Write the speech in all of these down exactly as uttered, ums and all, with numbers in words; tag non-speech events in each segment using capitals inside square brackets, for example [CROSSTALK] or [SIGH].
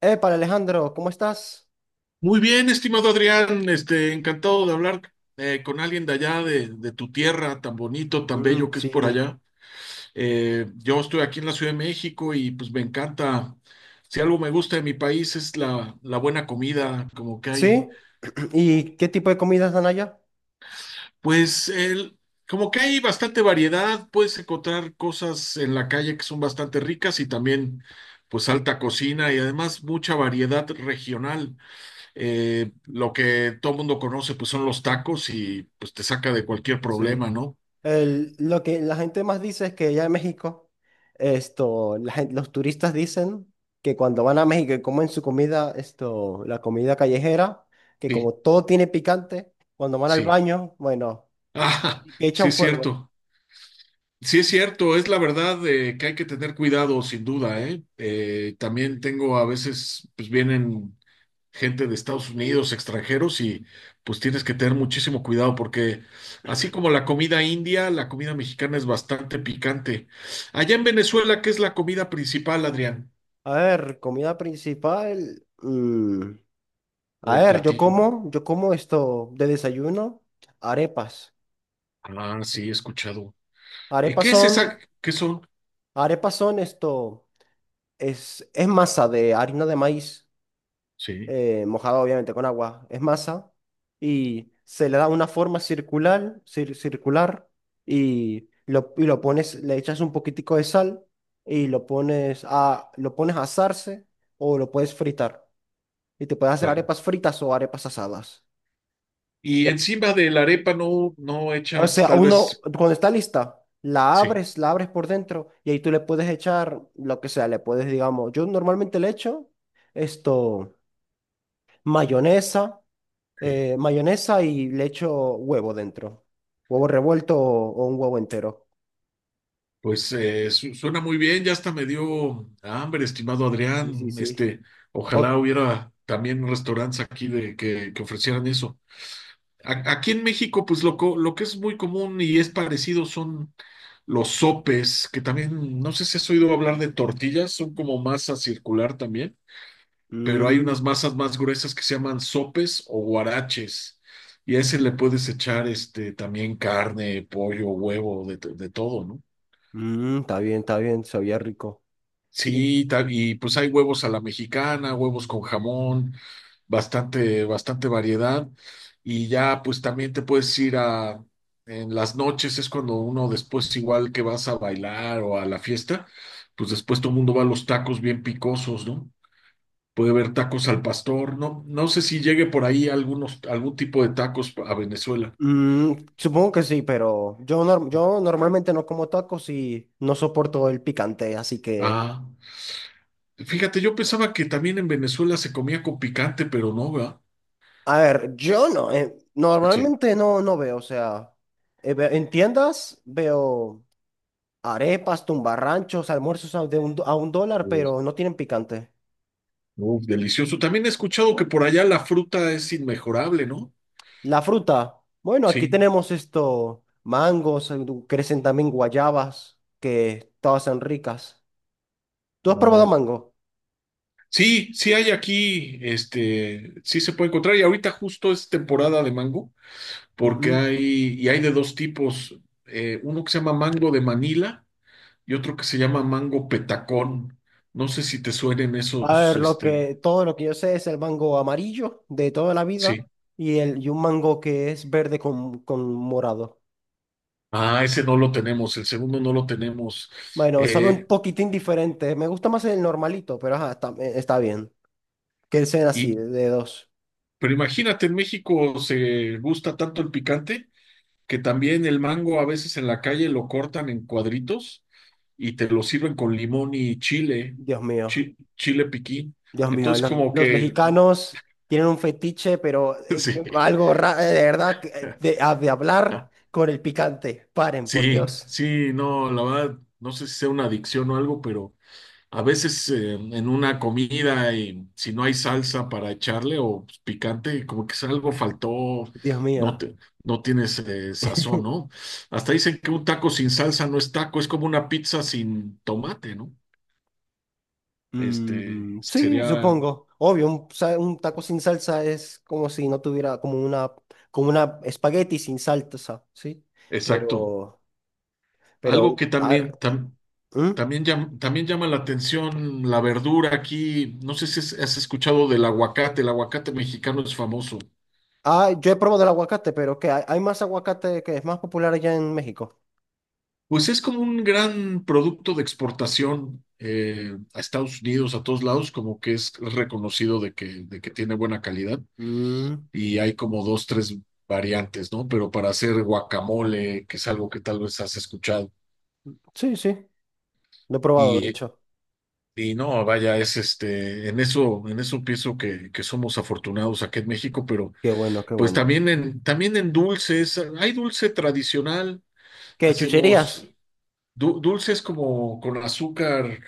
Epa, Alejandro, ¿cómo estás? Muy bien, estimado Adrián, este, encantado de hablar eh, con alguien de allá, de, de tu tierra, tan bonito, tan Mm, bello que es por sí. allá. Eh, yo estoy aquí en la Ciudad de México y pues me encanta, si algo me gusta de mi país es la, la buena comida, como que hay, ¿Sí? [CLEARS THROAT] ¿Y qué tipo de comidas dan allá? pues el, como que hay bastante variedad, puedes encontrar cosas en la calle que son bastante ricas y también pues alta cocina y además mucha variedad regional. Eh, lo que todo mundo conoce, pues son los tacos y pues te saca de cualquier Sí. problema, ¿no? El- lo que la gente más dice es que allá en México, esto, la gen- los turistas dicen que cuando van a México y comen su comida, esto, la comida callejera, que Sí, como todo tiene picante, cuando van al sí. baño, bueno, Ah, que [LAUGHS] sí echan es fuego. cierto. Sí es cierto, es la verdad, eh, que hay que tener cuidado, sin duda, ¿eh? Eh, también tengo a veces, pues vienen gente de Estados Unidos, extranjeros, y pues tienes que tener muchísimo cuidado porque así como la comida india, la comida mexicana es bastante picante. Allá en Venezuela, ¿qué es la comida principal, Adrián? A ver, comida principal. mm, O A el ver, yo platillo. como, yo como esto de desayuno, arepas. Ah, sí, he escuchado. ¿Y Arepas qué es son esa? ¿Qué son? Arepas son esto, es, es masa de harina de maíz, Sí, eh, mojada obviamente con agua, es masa y se le da una forma circular, cir- circular y lo, y lo pones, le echas un poquitico de sal y lo pones a, lo pones a asarse o lo puedes fritar y te puedes hacer claro. arepas fritas o arepas asadas. Y encima de la arepa no, no O echas, sea, tal uno, vez, cuando está lista, la sí. abres, la abres por dentro y ahí tú le puedes echar lo que sea, le puedes, digamos, yo normalmente le echo esto, mayonesa, Sí, eh, mayonesa y le echo huevo dentro, huevo revuelto o, o un huevo entero. pues eh, su- suena muy bien, ya hasta me dio hambre, estimado Sí, sí, Adrián. sí. Este, ojalá O, hubiera también restaurantes aquí de que, que ofrecieran eso. A- aquí en México, pues lo, co- lo que es muy común y es parecido son los sopes, que también, no sé si has oído hablar de tortillas, son como masa circular también. Pero hay unas mm, masas más gruesas que se llaman sopes o guaraches. Y a ese le puedes echar este también carne, pollo, huevo, de, de todo, ¿no? Mm, está bien, está bien, sabía rico. Y, Sí, ta- y pues hay huevos a la mexicana, huevos con jamón, bastante, bastante variedad. Y ya pues también te puedes ir a, en las noches es cuando uno después igual que vas a bailar o a la fiesta, pues después todo el mundo va a los tacos bien picosos, ¿no? Puede haber tacos al pastor. No, no sé si llegue por ahí algunos, algún tipo de tacos a Venezuela. Mm, supongo que sí, pero yo, nor, yo normalmente no como tacos y no soporto el picante, así que... Ah, fíjate, yo pensaba que también en Venezuela se comía con picante, pero no, ¿verdad? A ver, yo no, eh, Sí. normalmente no, no veo, o sea, eh, ve- en tiendas veo arepas, tumbarranchos, almuerzos a, de un, do- a un dólar, Pues, pero no tienen picante. uf, delicioso. También he escuchado que por allá la fruta es inmejorable, ¿no? La fruta, bueno, aquí Sí, tenemos esto, mangos, eh, du- crecen también guayabas, que todas son ricas. ¿Tú has probado no. mango? Sí, sí hay aquí, este, sí se puede encontrar y ahorita justo es temporada de mango porque Ujú. hay, y hay de dos tipos, eh, uno que se llama mango de Manila y otro que se llama mango petacón. No sé si te suenen A esos, ver, lo este, que, todo lo que yo sé es el mango amarillo de toda la vida sí. y, el, y un mango que es verde con, con morado. Ah, ese no lo tenemos, el segundo no lo tenemos. Bueno, sabe Eh, un poquitín diferente. Me gusta más el normalito, pero ajá, está, eh, está bien. Que sean así, y, de, de dos. pero imagínate, en México se gusta tanto el picante que también el mango a veces en la calle lo cortan en cuadritos y te lo sirven con limón y chile, Dios mío, chi- chile piquín. Dios mío. Entonces, Los, como los que, mexicanos tienen un fetiche, pero [LAUGHS] eh, sí. algo raro, de verdad, que, eh, [LAUGHS] de, ah, de hablar con el picante. Paren, por Sí, Dios. sí, no, la verdad, no sé si sea una adicción o algo, pero a veces, eh, en una comida, y si no hay salsa para echarle o picante, como que es algo faltó, Dios no mío. te, no tienes, eh, sazón, ¿no? [LAUGHS] Hasta dicen que un taco sin salsa no es taco, es como una pizza sin tomate, ¿no? Este Mm, sí, sería supongo. Obvio, un, sa- un taco sin salsa es como si no tuviera como una, como una espagueti sin salsa, ¿sí? exacto. Pero, pero, Algo que ar- también tam- ¿Mm? también llam- también llama la atención la verdura aquí. No sé si has has escuchado del aguacate. El aguacate mexicano es famoso. Ah, yo he probado el aguacate, pero que hay, hay más aguacate que es más popular allá en México. Pues es como un gran producto de exportación, eh, a Estados Unidos, a todos lados, como que es reconocido de que, de que tiene buena calidad Mm, y hay como dos, tres variantes, ¿no? Pero para hacer guacamole, que es algo que tal vez has escuchado, sí, sí, lo he probado, y, de eh, hecho. y no, vaya, es este, en eso, en eso pienso que, que somos afortunados aquí en México, pero Qué bueno, qué pues bueno. también en, también en dulces, hay dulce tradicional, ¿Qué, hacemos chucherías? du- dulces como con azúcar,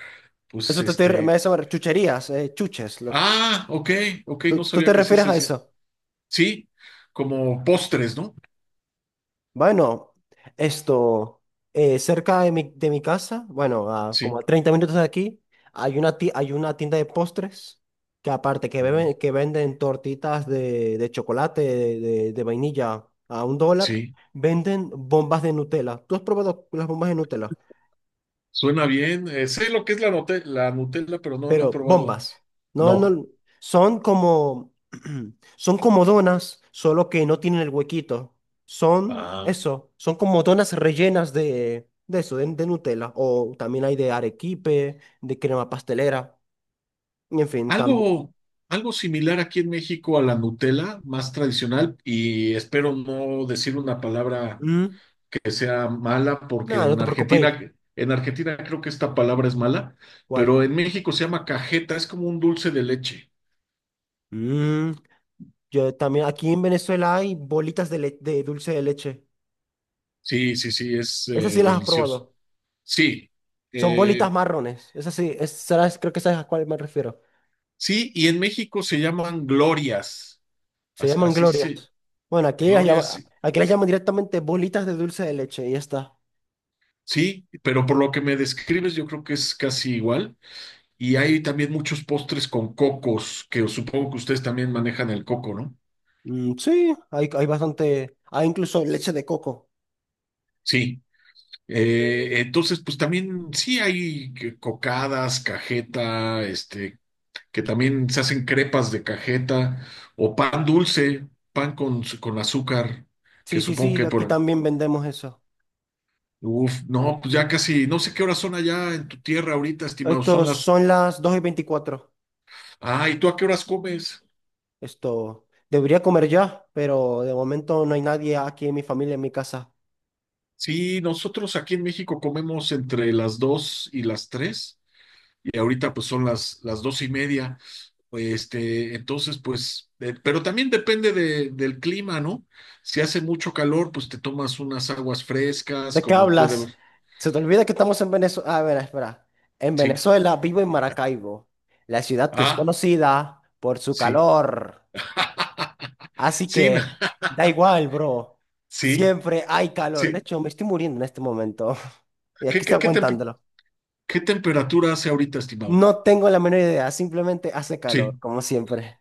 pues Eso te, estoy re- me- este, eso me- Chucherías, eh, chuches. Lo que- ah, ok, ok, no ¿tú, tú sabía te que así refieres se a decía. eso? Sí, como postres, ¿no? Bueno, esto, eh, cerca de mi, de mi casa, bueno, a Sí, como a treinta minutos de aquí, hay una, ti- hay una tienda de postres que aparte que, beben- que venden tortitas de, de chocolate, de, de- de vainilla a un dólar, sí, venden bombas de Nutella. ¿Tú has probado las bombas de Nutella? suena bien. Eh, sé lo que es la, note- la Nutella, pero no, no he Pero probado. bombas. No, No. no, son como, [CLEARS THROAT] son como donas, solo que no tienen el huequito. Son Ah, eso, son como donas rellenas de, de eso, de, de Nutella. O también hay de arequipe, de crema pastelera. Y en fin, también. algo, algo similar aquí en México a la Nutella, más tradicional, y espero no decir una palabra Mm. que sea mala, porque Nada, no en te preocupes. Argentina, en Argentina creo que esta palabra es mala, ¿Cuál? pero en México se llama cajeta, es como un dulce de leche. Mm, yo también, aquí en Venezuela hay bolitas de, le- de dulce de leche. Sí, sí, sí, es, Esas eh, sí las has delicioso. probado. Sí, Son eh, bolitas marrones. Esas sí, es- será- creo que sabes a cuál me refiero. sí, y en México se llaman glorias, Se así, llaman así se, glorias. Bueno, aquí las glorias, llama, aquí las llaman directamente bolitas de dulce de leche y ya está. sí, pero por lo que me describes yo creo que es casi igual. Y hay también muchos postres con cocos, que supongo que ustedes también manejan el coco, ¿no? Mm, sí, hay, hay bastante. Hay incluso leche de coco. Sí, eh, entonces pues también sí hay que- cocadas, cajeta, este, que también se hacen crepas de cajeta o pan dulce, pan con, con azúcar, que Sí, sí, supongo sí, que aquí por... también vendemos eso. Uf, no, pues ya casi, no sé qué horas son allá en tu tierra ahorita, estimado, son Estos las... son las dos y veinticuatro. Ah, ¿y tú a qué horas comes? Esto Debería comer ya, pero de momento no hay nadie aquí en mi familia, en mi casa. Sí, nosotros aquí en México comemos entre las dos y las tres, y ahorita pues son las, las dos y media, este, entonces pues, eh, pero también depende de- del clima, ¿no? Si hace mucho calor, pues te tomas unas aguas frescas, ¿De qué como puede hablas? ver. Se te olvida que estamos en Venezuela. A ver, espera. En Sí, Venezuela vivo en Maracaibo, la ciudad que es ah, conocida por su sí, calor. [LAUGHS] Así sí, que na- da igual, bro. sí, Siempre hay calor. sí, De hecho, me estoy muriendo en este momento. [LAUGHS] Y aquí ¿qué, estoy qué, qué, tem- aguantándolo. ¿Qué temperatura hace ahorita, estimado? No tengo la menor idea. Simplemente hace calor, Sí. como siempre.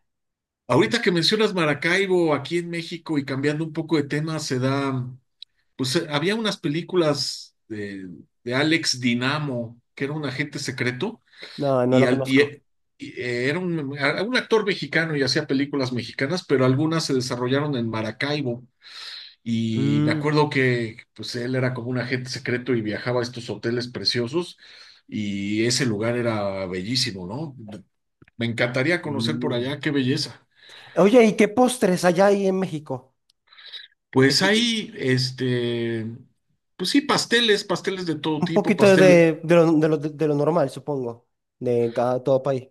Ahorita que mencionas Maracaibo, aquí en México, y cambiando un poco de tema, se da, pues, eh, había unas películas de, de Alex Dinamo, que era un agente secreto, No, no y, lo al- y, conozco. eh, y, eh, era un, a- un actor mexicano y hacía películas mexicanas, pero algunas se desarrollaron en Maracaibo. Y me Mm, acuerdo que pues él era como un agente secreto y viajaba a estos hoteles preciosos y ese lugar era bellísimo, ¿no? Me encantaría conocer por mm. allá, qué belleza. Oye, ¿y qué postres allá hay en México? Pues Este, hay, este, pues sí, pasteles, pasteles de todo Un tipo, poquito pastel, de, de lo, de lo- de lo normal, supongo, de cada todo país.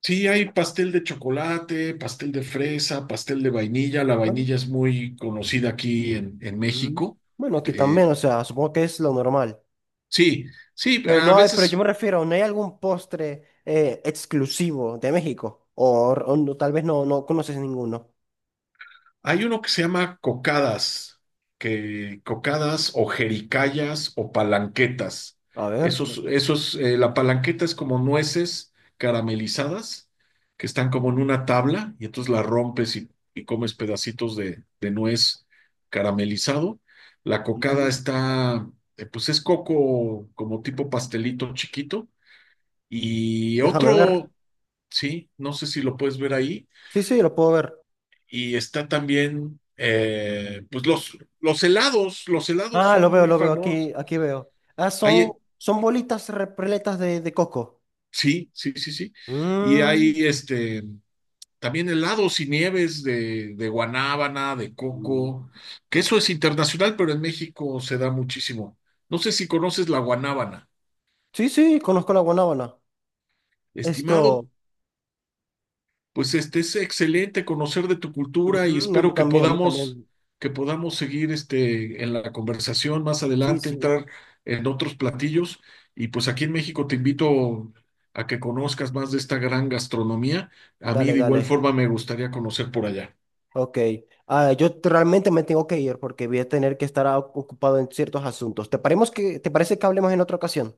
sí, hay pastel de chocolate, pastel de fresa, pastel de vainilla. La Bueno, vainilla es muy conocida aquí en, en mm. México. Bueno, aquí también, Eh, o sea, supongo que es lo normal. sí, sí, Pero a no hay, pero yo veces me refiero, ¿no hay algún postre eh, exclusivo de México? O, o no- Tal vez no, no conoces ninguno. hay uno que se llama cocadas, que cocadas o jericayas o palanquetas. A ver, Esos, esos, eh, la palanqueta es como nueces caramelizadas que están como en una tabla y entonces la rompes y, y comes pedacitos de, de nuez caramelizado. La cocada mm, está, eh, pues es coco como tipo pastelito chiquito. Y déjame ver. otro, sí, no sé si lo puedes ver ahí Sí, sí, lo puedo ver. y está también, eh, pues los, los helados, los helados Ah, lo son veo, muy lo veo, famosos. aquí, aquí veo. Ah, son, Hay, son bolitas repletas de, de coco. sí, sí, sí, sí. Y Mm, hay este, también helados y nieves de, de guanábana, de mm. coco, que eso es internacional, pero en México se da muchísimo. No sé si conoces la guanábana. Sí, sí, conozco la guanábana. Estimado, Esto, pues este es excelente conocer de tu cultura y ujú, a mí espero que también, a mí podamos, también. que podamos seguir este en la conversación más Sí, adelante, sí. entrar en otros platillos y pues aquí en México te invito a que conozcas más de esta gran gastronomía. A mí Dale, de igual dale. forma me gustaría conocer por allá. Ok. Ah, yo te- realmente me tengo que ir porque voy a tener que estar ah, ocupado en ciertos asuntos. ¿Te paremos que, ¿te parece que hablemos en otra ocasión?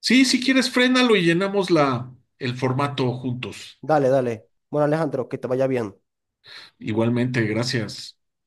Sí, si quieres, frénalo y llenamos la el formato juntos. Dale, dale. Bueno, Alejandro, que te vaya bien. Igualmente, gracias.